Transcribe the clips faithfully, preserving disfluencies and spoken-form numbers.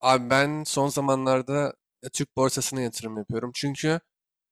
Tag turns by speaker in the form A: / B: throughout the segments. A: Abi ben son zamanlarda e, Türk borsasına yatırım yapıyorum. Çünkü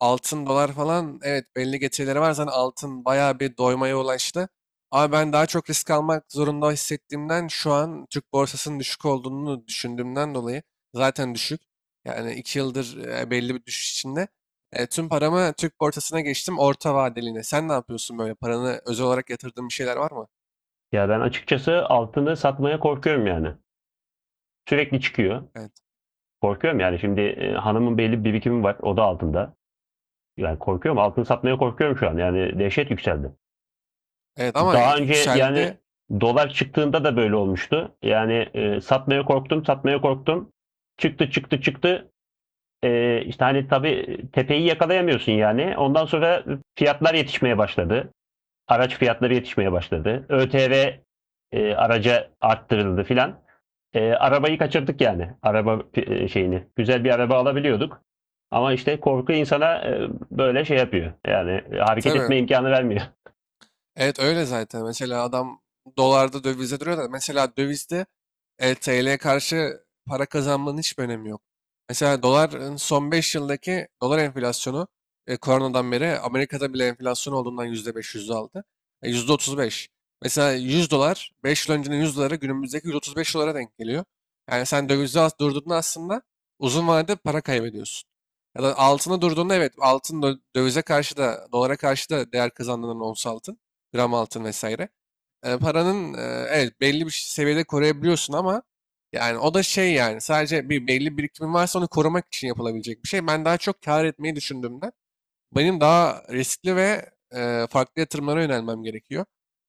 A: altın, dolar falan, evet, belli getirileri var. Zaten altın bayağı bir doymaya ulaştı. Ama ben daha çok risk almak zorunda hissettiğimden, şu an Türk borsasının düşük olduğunu düşündüğümden dolayı, zaten düşük. Yani iki yıldır e, belli bir düşüş içinde. E, tüm paramı Türk borsasına geçtim, orta vadeliğine. Sen ne yapıyorsun böyle? Paranı özel olarak yatırdığın bir şeyler var mı?
B: Ya ben açıkçası altını satmaya korkuyorum yani. Sürekli çıkıyor.
A: Evet.
B: Korkuyorum yani şimdi e, hanımın belli bir birikimi var. O da altında. Yani korkuyorum. Altını satmaya korkuyorum şu an. Yani dehşet yükseldi.
A: Evet, ama
B: Daha önce yani
A: yükseldi.
B: dolar çıktığında da böyle olmuştu. Yani e, satmaya korktum, satmaya korktum. Çıktı, çıktı, çıktı. E, işte hani tabii tepeyi yakalayamıyorsun yani. Ondan sonra fiyatlar yetişmeye başladı. Araç fiyatları yetişmeye başladı. ÖTV e, araca arttırıldı filan. E, arabayı kaçırdık yani. Araba e, şeyini. Güzel bir araba alabiliyorduk. Ama işte korku insana e, böyle şey yapıyor. Yani e, hareket
A: Tabii.
B: etme imkanı vermiyor.
A: Evet, öyle zaten. Mesela adam dolarda, dövizde duruyor da, mesela dövizde e, T L'ye karşı para kazanmanın hiçbir önemi yok. Mesela doların son beş yıldaki dolar enflasyonu, e, koronadan beri Amerika'da bile enflasyon olduğundan, yüzde beş yüzde aldı. E, yüzde otuz beş. Mesela yüz dolar, beş yıl öncenin yüz doları, günümüzdeki yüz otuz beş dolara denk geliyor. Yani sen dövizde as- durduğunda, aslında uzun vadede para kaybediyorsun. Ya da altına durduğunda, evet, altın dö- dövize karşı da, dolara karşı da değer kazandığından, ons altın, gram altın vesaire. E, paranın e, evet, belli bir seviyede koruyabiliyorsun ama yani o da şey, yani sadece bir belli birikimin varsa onu korumak için yapılabilecek bir şey. Ben daha çok kar etmeyi düşündüğümden, benim daha riskli ve e, farklı yatırımlara yönelmem gerekiyor.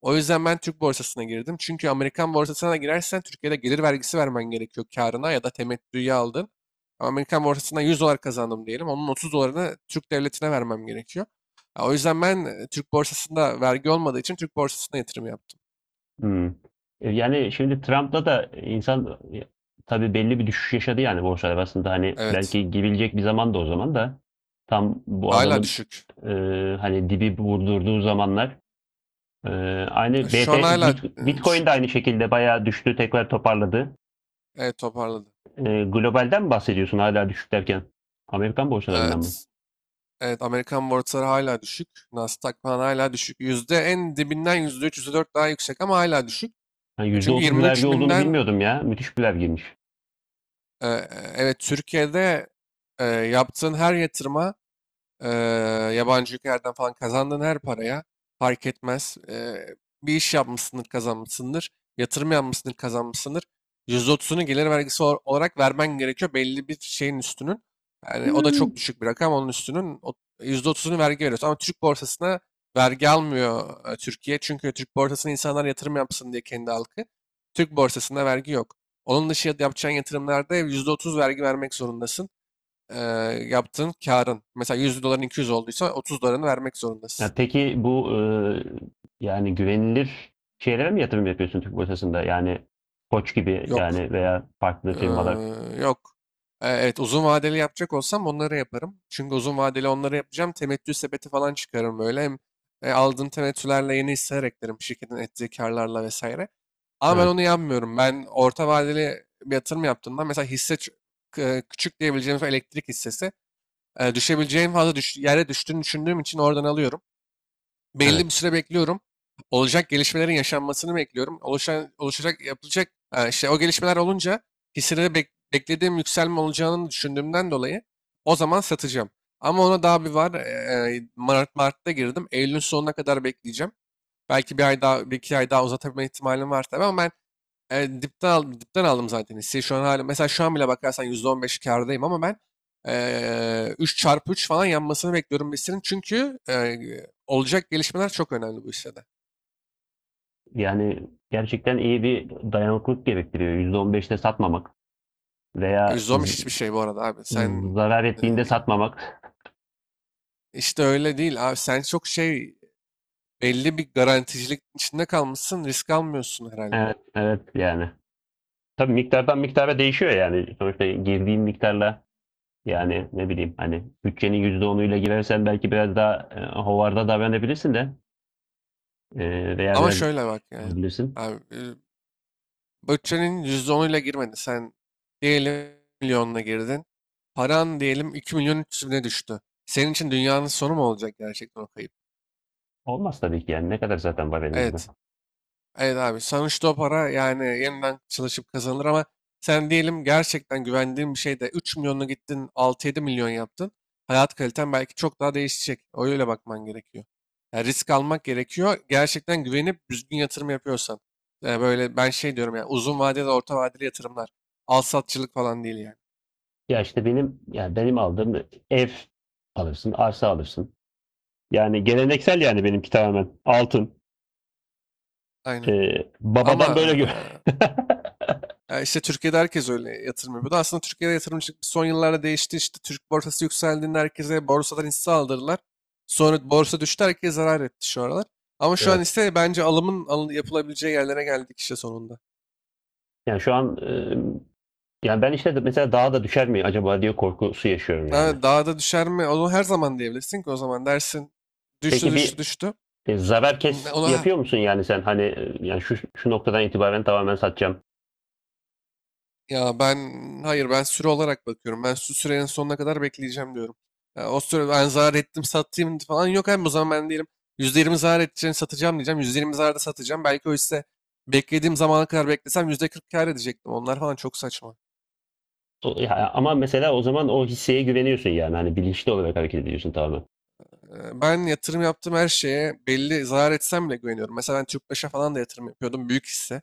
A: O yüzden ben Türk borsasına girdim. Çünkü Amerikan borsasına da girersen, Türkiye'de gelir vergisi vermen gerekiyor, karına ya da temettüye aldın. Ama Amerikan borsasına 100 dolar kazandım diyelim, onun 30 dolarını Türk devletine vermem gerekiyor. Ya, o yüzden ben e, Türk borsasında vergi olmadığı için Türk borsasına yatırım yaptım.
B: Hmm. E, Yani şimdi Trump'la da insan e, tabii belli bir düşüş yaşadı yani borsalar aslında hani
A: Evet.
B: belki gibilecek bir zaman da o zaman da tam bu
A: Hala
B: adamın
A: düşük.
B: e, hani dibi vurdurduğu zamanlar. E,
A: E,
B: Aynı
A: Şu
B: B T,
A: an hala
B: Bit-
A: e,
B: Bitcoin de
A: düşük.
B: aynı şekilde bayağı düştü, tekrar toparladı.
A: Evet, toparladı.
B: E, globalden mi bahsediyorsun hala düşük derken? Amerikan borsalarından mı?
A: Evet. Evet, Amerikan borsaları hala düşük. Nasdaq falan hala düşük. Yüzde en dibinden yüzde üç, yüzde dört daha yüksek ama hala düşük.
B: Yani
A: E
B: yüzde
A: Çünkü
B: otuz
A: 23
B: vergi olduğunu
A: binden,
B: bilmiyordum ya. Müthiş bir vergiymiş.
A: e, e, evet, Türkiye'de, e, yaptığın her yatırıma, Eee, yabancı ülkelerden falan kazandığın her paraya, fark etmez. Eee, bir iş yapmışsındır, kazanmışsındır. Yatırım yapmışsındır, kazanmışsındır. yüzde otuzunu gelir vergisi ol- olarak vermen gerekiyor, belli bir şeyin üstünün. Yani o da
B: Hmm.
A: çok düşük bir rakam. Onun üstünün o- yüzde otuzunu vergi veriyorsun. Ama Türk borsasına vergi almıyor e, Türkiye. Çünkü Türk borsasına insanlar yatırım yapsın diye, kendi halkı. Türk borsasında vergi yok. Onun dışı yapacağın yatırımlarda yüzde otuz vergi vermek zorundasın, e, yaptığın karın. Mesela 100 doların 200 olduysa 30 dolarını vermek
B: Ya
A: zorundasın.
B: peki bu eee, yani güvenilir şeylere mi yatırım yapıyorsun Türk borsasında? Yani Koç gibi
A: Yok.
B: yani veya farklı
A: Ee,
B: firmalar.
A: yok. Ee, evet, uzun vadeli yapacak olsam onları yaparım. Çünkü uzun vadeli onları yapacağım. Temettü sepeti falan çıkarım böyle. Hem e, aldığım temettülerle yeni hisseler eklerim, şirketin ettiği karlarla vesaire. Ama ben
B: Evet,
A: onu yapmıyorum. Ben orta vadeli bir yatırım yaptığımda, mesela hisse ç- k- küçük diyebileceğimiz o elektrik hissesi, e, düşebileceğin fazla düş, yere düştüğünü düşündüğüm için oradan alıyorum, belli bir
B: evet.
A: süre bekliyorum. Olacak gelişmelerin yaşanmasını bekliyorum. Oluşan, oluşacak, yapılacak, e, işte o gelişmeler olunca, hisseleri bek- beklediğim yükselme olacağını düşündüğümden dolayı o zaman satacağım. Ama ona daha bir var. e, e, Mart, Mart'ta girdim. Eylül'ün sonuna kadar bekleyeceğim. Belki bir ay daha, bir iki ay daha uzatabilme ihtimalim var tabii, ama ben e, dipten aldım, dipten aldım zaten hisseyi. Şu an hala, mesela şu an bile bakarsan yüzde on beş kârdayım, ama ben e, üç çarpı üç falan yanmasını bekliyorum hissinin. Çünkü e, olacak gelişmeler çok önemli bu hissede.
B: Yani gerçekten iyi bir dayanıklılık gerektiriyor. Yüzde on beşte satmamak
A: Ya,
B: veya
A: yüzde on beş
B: z-
A: hiçbir şey bu arada abi. Sen
B: zarar
A: e,
B: ettiğinde satmamak.
A: işte öyle değil abi. Sen çok şey, belli bir garanticilik içinde kalmışsın. Risk almıyorsun herhalde.
B: Evet, evet yani. Tabii miktardan miktara değişiyor yani. Sonuçta girdiğin miktarla yani ne bileyim hani bütçenin yüzde onuyla girersen belki biraz daha e, hovarda davranabilirsin de e, veya
A: Ama
B: biraz daha
A: şöyle bak yani.
B: alabilirsin.
A: Abi, bütçenin yüzde onuyla girmedin. Sen diyelim milyonla girdin. Paran diyelim iki milyon üç yüz bine düştü. Senin için dünyanın sonu mu olacak gerçekten o kayıp?
B: Olmaz tabii ki yani ne kadar zaten var elimizde.
A: Evet. Evet abi, sonuçta o para yani yeniden çalışıp kazanılır ama sen diyelim gerçekten güvendiğin bir şeyde üç milyonla gittin, altı yedi milyon yaptın. Hayat kaliten belki çok daha değişecek. Öyle bakman gerekiyor. Yani risk almak gerekiyor, gerçekten güvenip düzgün yatırım yapıyorsan. Yani böyle ben şey diyorum, yani uzun vadeli, orta vadeli yatırımlar. Al satçılık falan değil yani.
B: Ya işte benim yani benim aldığım ev alırsın, arsa alırsın. Yani geleneksel yani benimki tamamen altın.
A: Aynen.
B: Ee,
A: Ama
B: babadan böyle gör.
A: e, E, işte Türkiye'de herkes öyle yatırım yapıyordu. Aslında Türkiye'de yatırımcılık son yıllarda değişti. İşte Türk borsası yükseldiğinde herkese borsadan hisse aldırdılar. Sonra borsa düştü, herkes zarar etti şu aralar. Ama şu an
B: Evet.
A: ise bence alımın alın- yapılabileceği yerlere geldik işte sonunda.
B: Yani şu an e, yani ben işte de mesela daha da düşer mi acaba diye korkusu yaşıyorum yani.
A: Yani daha da düşer mi? Onu her zaman diyebilirsin ki, o zaman dersin düştü,
B: Peki
A: düştü,
B: bir
A: düştü.
B: e, zarar kes
A: Ona
B: yapıyor musun yani sen hani e, yani şu şu noktadan itibaren tamamen satacağım.
A: Ya ben hayır ben süre olarak bakıyorum. Ben şu sürenin sonuna kadar bekleyeceğim diyorum. Ya, o süre ben zarar ettim satayım falan yok. Hem o zaman ben diyelim yüzde yirmi zarar edeceğini satacağım diyeceğim, yüzde yirmi zararda satacağım. Belki o hisse beklediğim zamana kadar beklesem yüzde kırk kâr edecektim. Onlar falan çok saçma.
B: O- ya ama mesela o zaman o hisseye güveniyorsun yani hani bilinçli olarak hareket ediyorsun tamamen.
A: Ee, Ben yatırım yaptığım her şeye, belli zarar etsem bile güveniyorum. Mesela ben Tüpraş'a falan da yatırım yapıyordum, büyük hisse.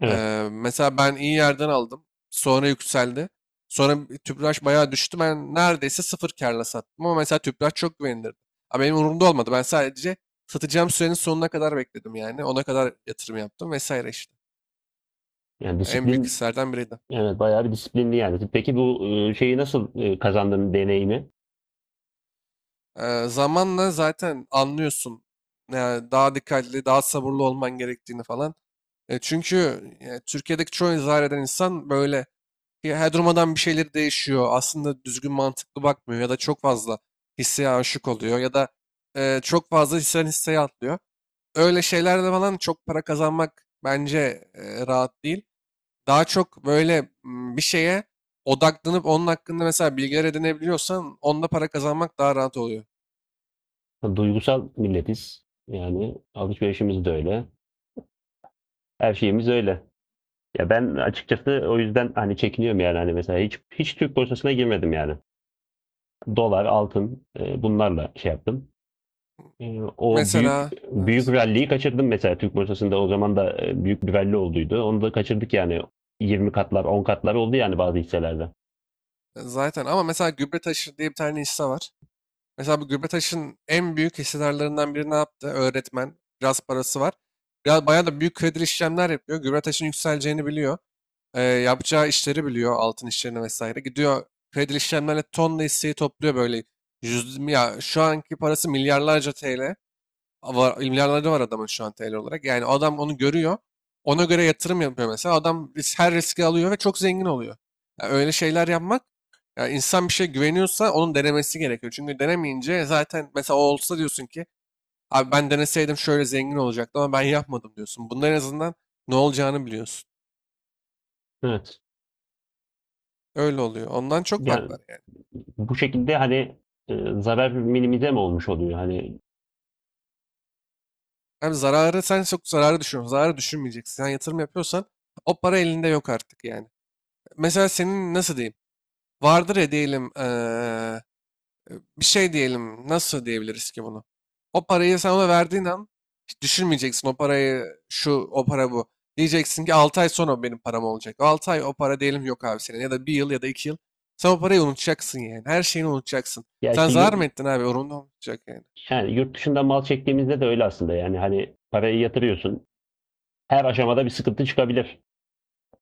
B: Evet.
A: Ee, mesela ben iyi yerden aldım. Sonra yükseldi. Sonra bir Tüpraş bayağı düştü. Ben neredeyse sıfır kârla sattım, ama mesela Tüpraş çok güvenilirdi. Ama benim umurumda olmadı. Ben sadece satacağım sürenin sonuna kadar bekledim yani. Ona kadar yatırım yaptım vesaire işte.
B: Yani
A: Yani en büyük
B: disiplin.
A: hislerden biriydi.
B: Evet, bayağı bir disiplinli yani. Peki bu, eee, şeyi nasıl, eee, kazandın deneyimi?
A: Ee, zamanla zaten anlıyorsun. Yani daha dikkatli, daha sabırlı olman gerektiğini falan. E, çünkü e, Türkiye'deki çoğu zar eden insan böyle. Ya, her durmadan bir şeyleri değişiyor. Aslında düzgün mantıklı bakmıyor, ya da çok fazla hisseye aşık oluyor, ya da e, çok fazla hisseden hisseye atlıyor. Öyle şeylerle falan çok para kazanmak bence e, rahat değil. Daha çok böyle, m, bir şeye odaklanıp onun hakkında mesela bilgiler edinebiliyorsan, onda para kazanmak daha rahat oluyor.
B: Duygusal milletiz. Yani alışverişimiz de öyle. Her şeyimiz öyle. Ya ben açıkçası o yüzden hani çekiniyorum yani hani mesela hiç hiç Türk borsasına girmedim yani. Dolar, altın, eee, bunlarla şey yaptım. Eee, o büyük
A: Mesela
B: büyük
A: evet,
B: rally'yi kaçırdım mesela Türk borsasında o zaman da, eee, büyük bir rally olduydu. Onu da kaçırdık yani. Yirmi katlar, on katlar oldu yani bazı hisselerde.
A: e, zaten ama mesela gübre taşır diye bir tane hisse var. Mesela bu Gülbetaş'ın en büyük hissedarlarından biri ne yaptı? Öğretmen. Biraz parası var. Biraz bayağı da büyük kredili işlemler yapıyor. Gülbetaş'ın yükseleceğini biliyor. Ee, yapacağı işleri biliyor, altın işlerini vesaire. Gidiyor kredili işlemlerle tonla hisseyi topluyor böyle. Yüz, ya, şu anki parası milyarlarca T L var, milyarları var adamın şu an T L olarak. Yani adam onu görüyor, ona göre yatırım yapıyor mesela. Adam ris- her riski alıyor ve çok zengin oluyor. Ya, öyle şeyler yapmak, ya insan bir şey güveniyorsa onun denemesi gerekiyor. Çünkü denemeyince zaten, mesela o olsa, diyorsun ki abi ben deneseydim şöyle zengin olacaktım ama ben yapmadım diyorsun. Bunların en azından ne olacağını biliyorsun.
B: Evet.
A: Öyle oluyor. Ondan çok fark
B: Yani
A: var yani.
B: bu şekilde, hani, ııı, zarar minimize mi olmuş oluyor? Hani,
A: Hem zararı, sen çok zararı düşünüyorsun. Zararı düşünmeyeceksin. Sen yatırım yapıyorsan, o para elinde yok artık yani. Mesela senin nasıl diyeyim? Vardır ya, diyelim, eee, bir şey diyelim, nasıl diyebiliriz ki bunu? O parayı sen ona verdiğin an, hiç düşünmeyeceksin o parayı, şu o para bu. Diyeceksin ki altı ay sonra o benim param olacak. altı ay o para diyelim yok abi senin, ya da bir yıl, ya da iki yıl. Sen o parayı unutacaksın yani, her şeyini unutacaksın.
B: ya,
A: Sen
B: işte,
A: zarar
B: yurt
A: mı ettin abi? Umurunda, unutacak yani.
B: yani, yurt dışından mal çektiğimizde de öyle aslında, yani, hani, parayı yatırıyorsun. Her aşamada bir sıkıntı çıkabilir.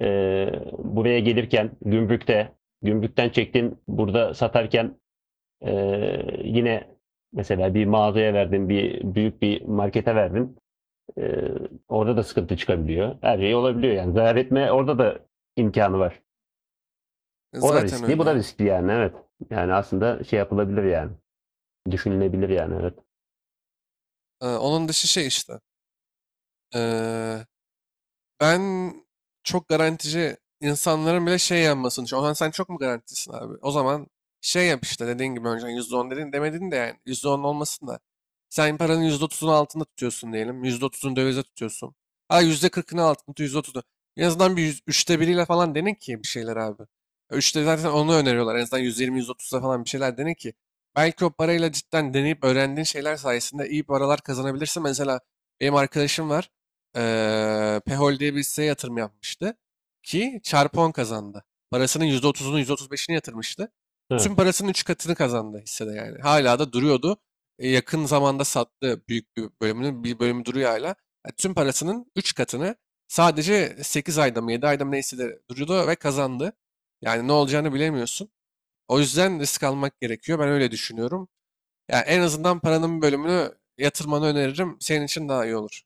B: Eee, buraya gelirken gümrükte, gümrükten çektin, burada satarken, eee, yine mesela bir mağazaya verdin, bir büyük bir markete verdin. Eee, Orada da sıkıntı çıkabiliyor. Her şey olabiliyor, yani. Zarar etme orada da imkanı var.
A: E,
B: O da
A: zaten
B: riskli,
A: öyle
B: bu da
A: ya.
B: riskli yani evet. Yani aslında şey yapılabilir yani. Düşünülebilir yani evet.
A: E, onun dışı şey işte. E, Ben çok garantici insanların bile şey yanmasını düşünüyorum. Ohan sen çok mu garantisin abi? O zaman şey yap işte, dediğin gibi önceden yüzde on dedin, demedin de yani, yüzde on olmasın da. Sen paranın yüzde otuzunu altında tutuyorsun diyelim, yüzde otuzunu dövize tutuyorsun. Ha, yüzde kırkını altında tut, yüzde otuzunu. En azından bir yüz- üçte biriyle falan dene ki bir şeyler abi. Üçte zaten onu öneriyorlar. En azından yüz yirmi yüz otuza falan bir şeyler dene ki. Belki o parayla cidden deneyip öğrendiğin şeyler sayesinde iyi paralar kazanabilirsin. Mesela benim arkadaşım var, eee Pehol diye bir hisseye yatırım yapmıştı ki çarpı on kazandı. Parasının yüzde otuzunu, yüzde otuz beşini yatırmıştı. Tüm
B: Evet.
A: parasının üç katını kazandı hissede yani. Hala da duruyordu. E, yakın zamanda sattı büyük bir bölümünü. Bir bölümü duruyor hala. Yani tüm parasının üç katını sadece sekiz ayda mı, yedi ayda mı, neyse, de duruyordu ve kazandı. Yani ne olacağını bilemiyorsun. O yüzden risk almak gerekiyor, ben öyle düşünüyorum. Yani en azından paranın bir bölümünü yatırmanı öneririm. Senin için daha iyi olur.